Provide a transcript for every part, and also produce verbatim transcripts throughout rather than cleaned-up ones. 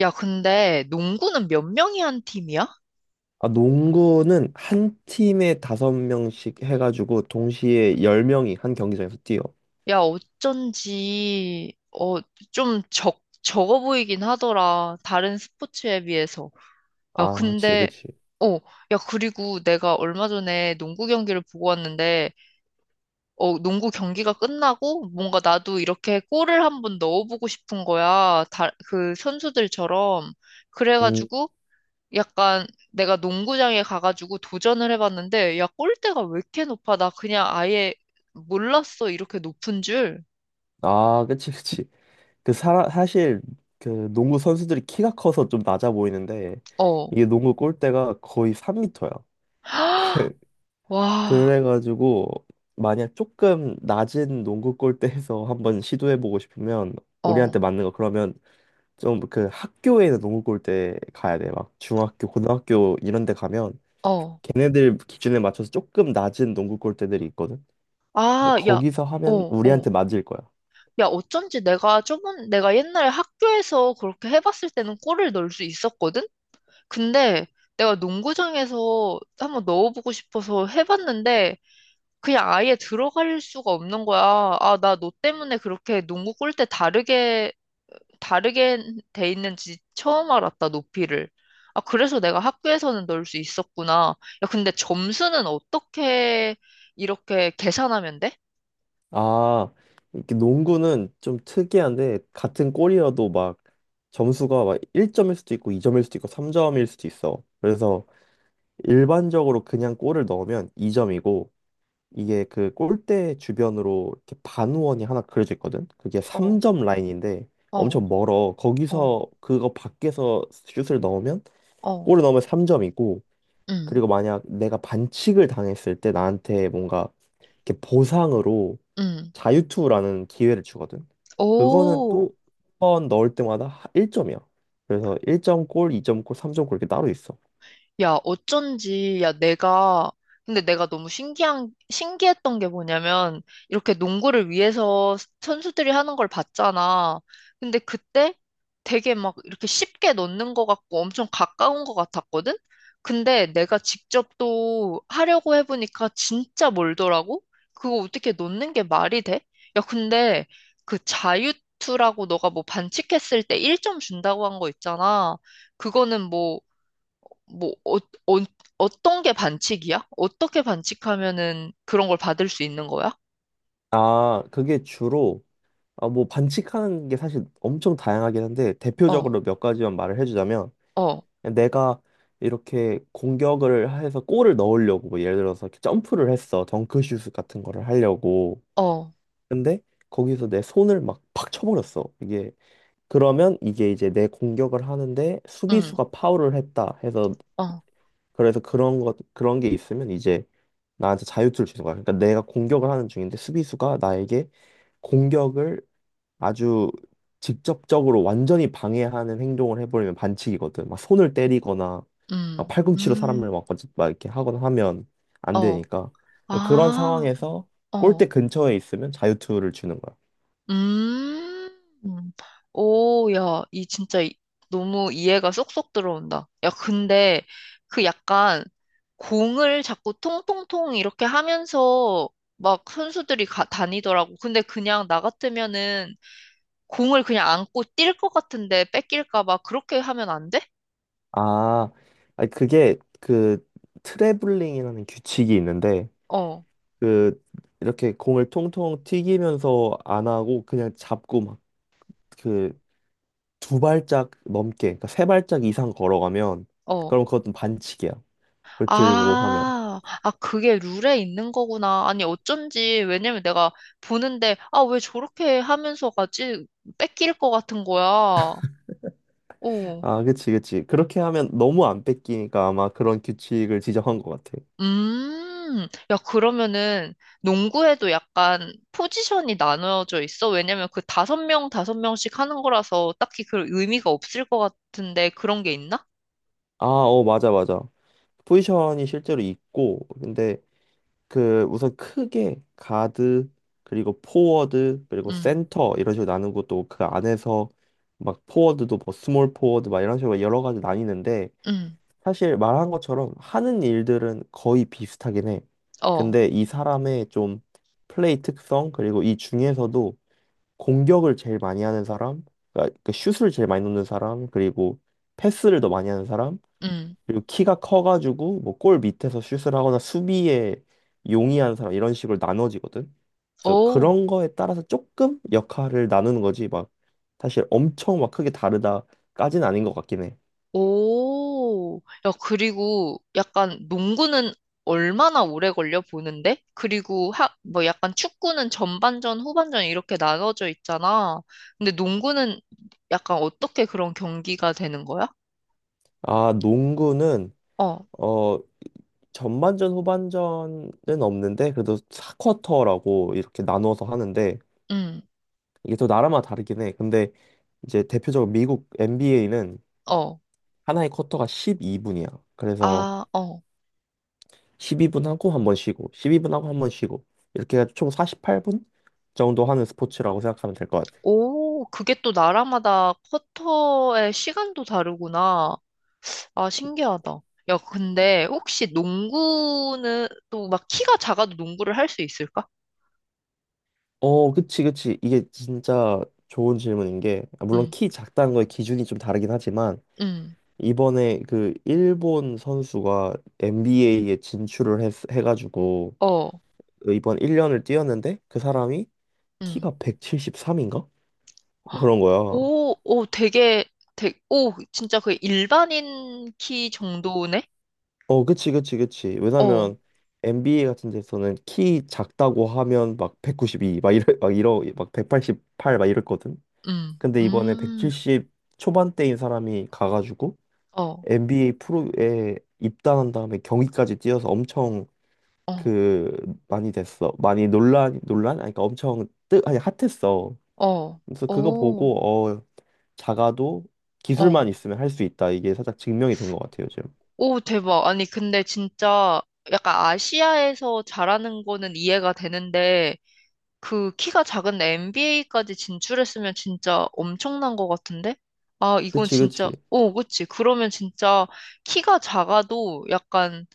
야, 근데 농구는 몇 명이 한 팀이야? 아, 농구는 한 팀에 다섯 명씩 해가지고 동시에 열 명이 한 경기장에서 뛰어. 야, 어쩐지, 어, 좀 적, 적어 보이긴 하더라. 다른 스포츠에 비해서. 야, 아, 그치, 근데, 그치. 어, 야, 그리고 내가 얼마 전에 농구 경기를 보고 왔는데, 어, 농구 경기가 끝나고 뭔가 나도 이렇게 골을 한번 넣어보고 싶은 거야. 다, 그 선수들처럼. 음. 그래가지고, 약간 내가 농구장에 가가지고 도전을 해봤는데, 야, 골대가 왜 이렇게 높아? 나 그냥 아예 몰랐어. 이렇게 높은 줄. 아, 그치, 그치. 그 사, 사실 그 농구 선수들이 키가 커서 좀 낮아 보이는데 어. 이게 농구 골대가 거의 삼 미터야. 와, 그래가지고 만약 조금 낮은 농구 골대에서 한번 시도해보고 싶으면 어, 우리한테 맞는 거, 그러면 좀 그 학교에는 농구 골대 가야 돼. 막 중학교, 고등학교 이런 데 가면 어. 걔네들 기준에 맞춰서 조금 낮은 농구 골대들이 있거든. 그래서 아, 야, 거기서 하면 어, 어. 우리한테 맞을 거야. 야, 어쩐지 내가 저번, 내가 옛날에 학교에서 그렇게 해봤을 때는 골을 넣을 수 있었거든? 근데 내가 농구장에서 한번 넣어보고 싶어서 해봤는데 그냥 아예 들어갈 수가 없는 거야. 아, 나 너 때문에 그렇게 농구 골대 다르게 다르게 돼 있는지 처음 알았다, 높이를. 아, 그래서 내가 학교에서는 넣을 수 있었구나. 야, 근데 점수는 어떻게 이렇게 계산하면 돼? 아, 이렇게 농구는 좀 특이한데 같은 골이어도 막 점수가 막 일 점일 수도 있고 이 점일 수도 있고 삼 점일 수도 있어. 그래서 일반적으로 그냥 골을 넣으면 이 점이고, 이게 그 골대 주변으로 이렇게 반원이 하나 그려져 있거든. 그게 어, 삼 점 라인인데 어, 엄청 멀어. 거기서 어, 그거 밖에서 슛을 넣으면, 어, 골을 넣으면 삼 점이고. 음, 그리고 만약 내가 반칙을 당했을 때 나한테 뭔가 이렇게 보상으로 음. 자유투라는 기회를 주거든. 그거는 오. 또 한 번 넣을 때마다 일 점이야. 그래서 일 점 골, 이 점 골, 삼 점 골 이렇게 따로 있어. 야, 어쩐지, 야, 내가, 근데 내가 너무 신기한, 신기했던 게 뭐냐면, 이렇게 농구를 위해서 선수들이 하는 걸 봤잖아. 근데 그때 되게 막 이렇게 쉽게 넣는 것 같고 엄청 가까운 것 같았거든? 근데 내가 직접 또 하려고 해보니까 진짜 멀더라고? 그거 어떻게 넣는 게 말이 돼? 야, 근데 그 자유투라고 너가 뭐 반칙했을 때 일 점 준다고 한 거 있잖아. 그거는 뭐, 뭐, 어, 어, 어떤 게 반칙이야? 어떻게 반칙하면은 그런 걸 받을 수 있는 거야? 아, 그게 주로, 아, 뭐 반칙하는 게 사실 엄청 다양하긴 한데 어, 대표적으로 몇 가지만 말을 해주자면, 어, 내가 이렇게 공격을 해서 골을 넣으려고, 뭐 예를 들어서 이렇게 점프를 했어, 덩크슛 같은 거를 하려고. 어, 근데 거기서 내 손을 막 팍 쳐버렸어 이게. 그러면 이게 이제 내 공격을 하는데 음, 수비수가 파울을 했다 해서, 어, 그래서 그런 것 그런 게 있으면 이제 나한테 자유투를 주는 거야. 그러니까 내가 공격을 하는 중인데 수비수가 나에게 공격을 아주 직접적으로 완전히 방해하는 행동을 해버리면 반칙이거든. 막 손을 때리거나 막 음, 팔꿈치로 사람을 음, 막, 어찌- 막 이렇게 하거나 하면 안 어, 되니까. 그런 아, 상황에서 골대 어, 근처에 있으면 자유투를 주는 거야. 음, 음. 오, 야, 이 진짜 이- 너무 이해가 쏙쏙 들어온다. 야, 근데 그 약간 공을 자꾸 통통통 이렇게 하면서 막 선수들이 가, 다니더라고. 근데 그냥 나 같으면은 공을 그냥 안고 뛸 것 같은데 뺏길까 봐 그렇게 하면 안 돼? 아, 아니, 그게 그 트래블링이라는 규칙이 있는데, 어, 그 이렇게 공을 통통 튀기면서 안 하고 그냥 잡고 막, 그 두 발짝 넘게, 그러니까 세 발짝 이상 걸어가면 어. 그럼 그것도 반칙이야. 불틀고 하면. 아, 아, 그게 룰에 있는 거구나. 아니, 어쩐지. 왜냐면 내가 보는데, 아, 왜 저렇게 하면서 가지? 뺏길 것 같은 거야. 오, 아, 그치, 그치. 그렇게 하면 너무 안 뺏기니까 아마 그런 규칙을 지정한 것 같아. 음, 야, 그러면은 농구에도 약간 포지션이 나눠져 있어? 왜냐면 그 다섯 명, 다섯 명씩 하는 거라서 딱히 그 의미가 없을 것 같은데 그런 게 있나? 아, 어, 맞아, 맞아. 포지션이 실제로 있고. 근데 그 우선 크게 가드, 그리고 포워드, 그리고 음, 센터 이런 식으로 나누고, 또 그 안에서 막 포워드도 뭐 스몰 포워드 막 이런 식으로 여러 가지 나뉘는데, 음, 사실 말한 것처럼 하는 일들은 거의 비슷하긴 해. 어, 근데 이 사람의 좀 플레이 특성, 그리고 이 중에서도 공격을 제일 많이 하는 사람, 그러니까 그 슛을 제일 많이 넣는 사람, 그리고 패스를 더 많이 하는 사람, 음. 그리고 키가 커가지고 뭐 골 밑에서 슛을 하거나 수비에 용이한 사람, 이런 식으로 나눠지거든. 그래서 오, 그런 거에 따라서 조금 역할을 나누는 거지. 막 사실 엄청 막 크게 다르다까지는 아닌 것 같긴 해. 오. 야, 그리고 약간 농구는 얼마나 오래 걸려 보는데? 그리고 하, 뭐 약간 축구는 전반전, 후반전 이렇게 나눠져 있잖아. 근데 농구는 약간 어떻게 그런 경기가 되는 거야? 아, 농구는 어, 어 전반전 후반전은 없는데 그래도 사 쿼터라고 이렇게 나눠서 하는데, 음, 이게 또 나라마다 다르긴 해. 근데 이제 대표적으로 미국 엔비에이는 어, 하나의 쿼터가 십이 분이야. 그래서 아, 어. 십이 분 하고 한 번 쉬고, 십이 분 하고 한 번 쉬고. 이렇게 해서총 사십팔 분 정도 하는 스포츠라고 생각하면 될 것 같아. 오, 그게 또 나라마다 쿼터의 시간도 다르구나. 아, 신기하다. 야, 근데 혹시 농구는 또 막 키가 작아도 농구를 할 수 있을까? 어, 그치, 그치. 이게 진짜 좋은 질문인 게, 아, 물론 응. 키 작다는 거의 기준이 좀 다르긴 하지만, 응, 이번에 그 일본 선수가 엔비에이에 진출을 했, 해가지고, 어, 이번 일 년을 뛰었는데, 그 사람이 응. 키가 백칠십삼인가? 헉, 그런 거야. 오, 오, 되게, 되게, 오, 진짜 그 일반인 키 정도네? 어, 그치, 그치, 그치. 어, 왜냐면 엔비에이 같은 데서는 키 작다고 하면 막 백구십이, 막 이래, 막 이러, 막 백팔십팔, 막 이랬거든. 음, 근데 이번에 음, 백칠십 초반대인 사람이 가가지고 어, 엔비에이 프로에 입단한 다음에 경기까지 뛰어서 엄청 어, 그 많이 됐어. 많이 논란, 논란? 아니, 그러니까 엄청 뜨, 아니, 핫했어. 어, 그래서 그거 오, 보고 어, 작아도 어, 기술만 있으면 할 수 있다, 이게 살짝 증명이 된 것 같아요, 요즘. 오, 대박. 아니, 근데 진짜 약간 아시아에서 잘하는 거는 이해가 되는데, 그 키가 작은 엔비에이까지 진출했으면 진짜 엄청난 것 같은데? 아, 이건 그치, 진짜, 그치. 오, 그치. 그러면 진짜 키가 작아도 약간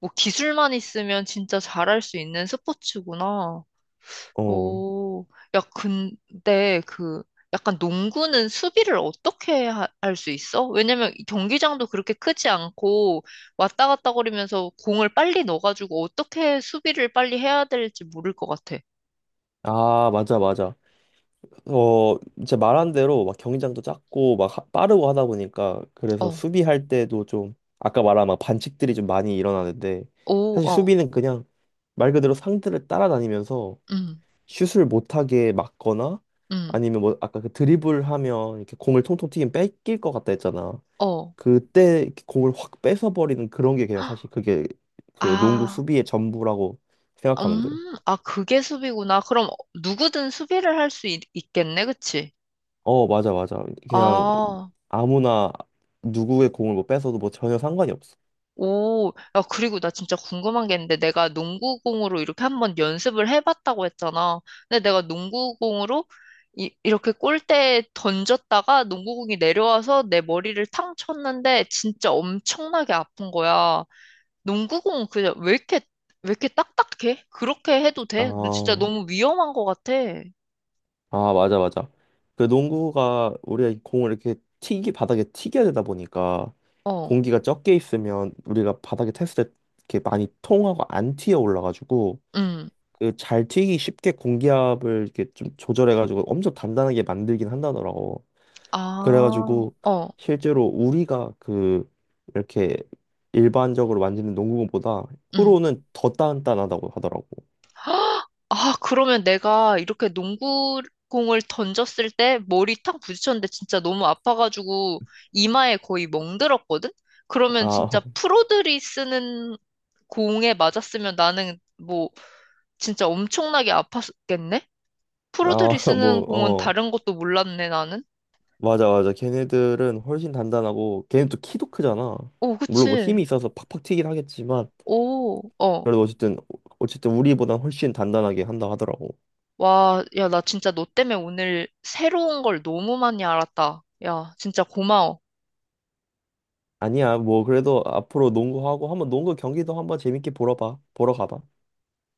뭐 기술만 있으면 진짜 잘할 수 있는 스포츠구나. 어. 오, 야, 근데 그 약간 농구는 수비를 어떻게 할 수 있어? 왜냐면 이 경기장도 그렇게 크지 않고 왔다 갔다 거리면서 공을 빨리 넣어가지고 어떻게 수비를 빨리 해야 될지 모를 것 같아. 아, 맞아, 맞아. 어, 이제 말한 대로 막 경기장도 작고 막 하- 빠르고 하다 보니까, 그래서 어, 수비할 때도 좀 아까 말한 막 반칙들이 좀 많이 일어나는데, 오, 사실 어, 수비는 그냥 말 그대로 상대를 따라다니면서 음, 슛을 못하게 막거나, 음, 아니면 뭐 아까 그 드리블 하면 이렇게 공을 통통 튀긴 뺏길 것 같다 했잖아. 어. 그때 이렇게 공을 확 뺏어버리는 그런 게, 그냥 사실 그게 그 농구 아, 수비의 전부라고 생각하면 돼. 음, 아, 그게 수비구나. 그럼 누구든 수비를 할 수 있겠네, 그치? 어, 맞아, 맞아. 그냥 아, 아무나 누구의 공을 뭐 뺏어도 뭐 전혀 상관이 없어. 오, 야, 그리고 나 진짜 궁금한 게 있는데, 내가 농구공으로 이렇게 한번 연습을 해봤다고 했잖아. 근데 내가 농구공으로 이, 이렇게 골대에 던졌다가 농구공이 내려와서 내 머리를 탕 쳤는데, 진짜 엄청나게 아픈 거야. 농구공은 그냥 왜 이렇게, 왜 이렇게 딱딱해? 그렇게 해도 돼? 너 진짜 아, 너무 위험한 것 같아. 아 맞아 맞아. 그 농구가 우리가 공을 이렇게 튀기, 바닥에 튀겨야 되다 보니까, 어, 공기가 적게 있으면 우리가 바닥에 탔을 때 이렇게 많이 통하고 안 튀어 올라가지고, 응. 그 잘 튀기 쉽게 공기압을 이렇게 좀 조절해가지고 엄청 단단하게 만들긴 한다더라고. 아, 그래가지고 어, 실제로 우리가 그 이렇게 일반적으로 만지는 농구공보다 응. 프로는 더 단단하다고 하더라고. 아, 그러면 내가 이렇게 농구공을 던졌을 때 머리 탁 부딪혔는데 진짜 너무 아파가지고 이마에 거의 멍들었거든? 그러면 아, 진짜 프로들이 쓰는 공에 맞았으면 나는 뭐 진짜 엄청나게 아팠겠네? 아, 프로들이 뭐, 쓰는 공은 어, 다른 것도 몰랐네, 나는. 맞아, 맞아. 걔네들은 훨씬 단단하고, 걔네도 키도 크잖아. 오, 물론 뭐 그치. 힘이 있어서 팍팍 튀긴 하겠지만, 오, 어. 그래도 어쨌든, 어쨌든 우리보다 훨씬 단단하게 한다 하더라고. 와, 야, 나 진짜 너 때문에 오늘 새로운 걸 너무 많이 알았다. 야, 진짜 고마워. 아니야, 뭐, 그래도 앞으로 농구하고, 한번 농구 경기도 한번 재밌게 보러 봐. 보러 가봐.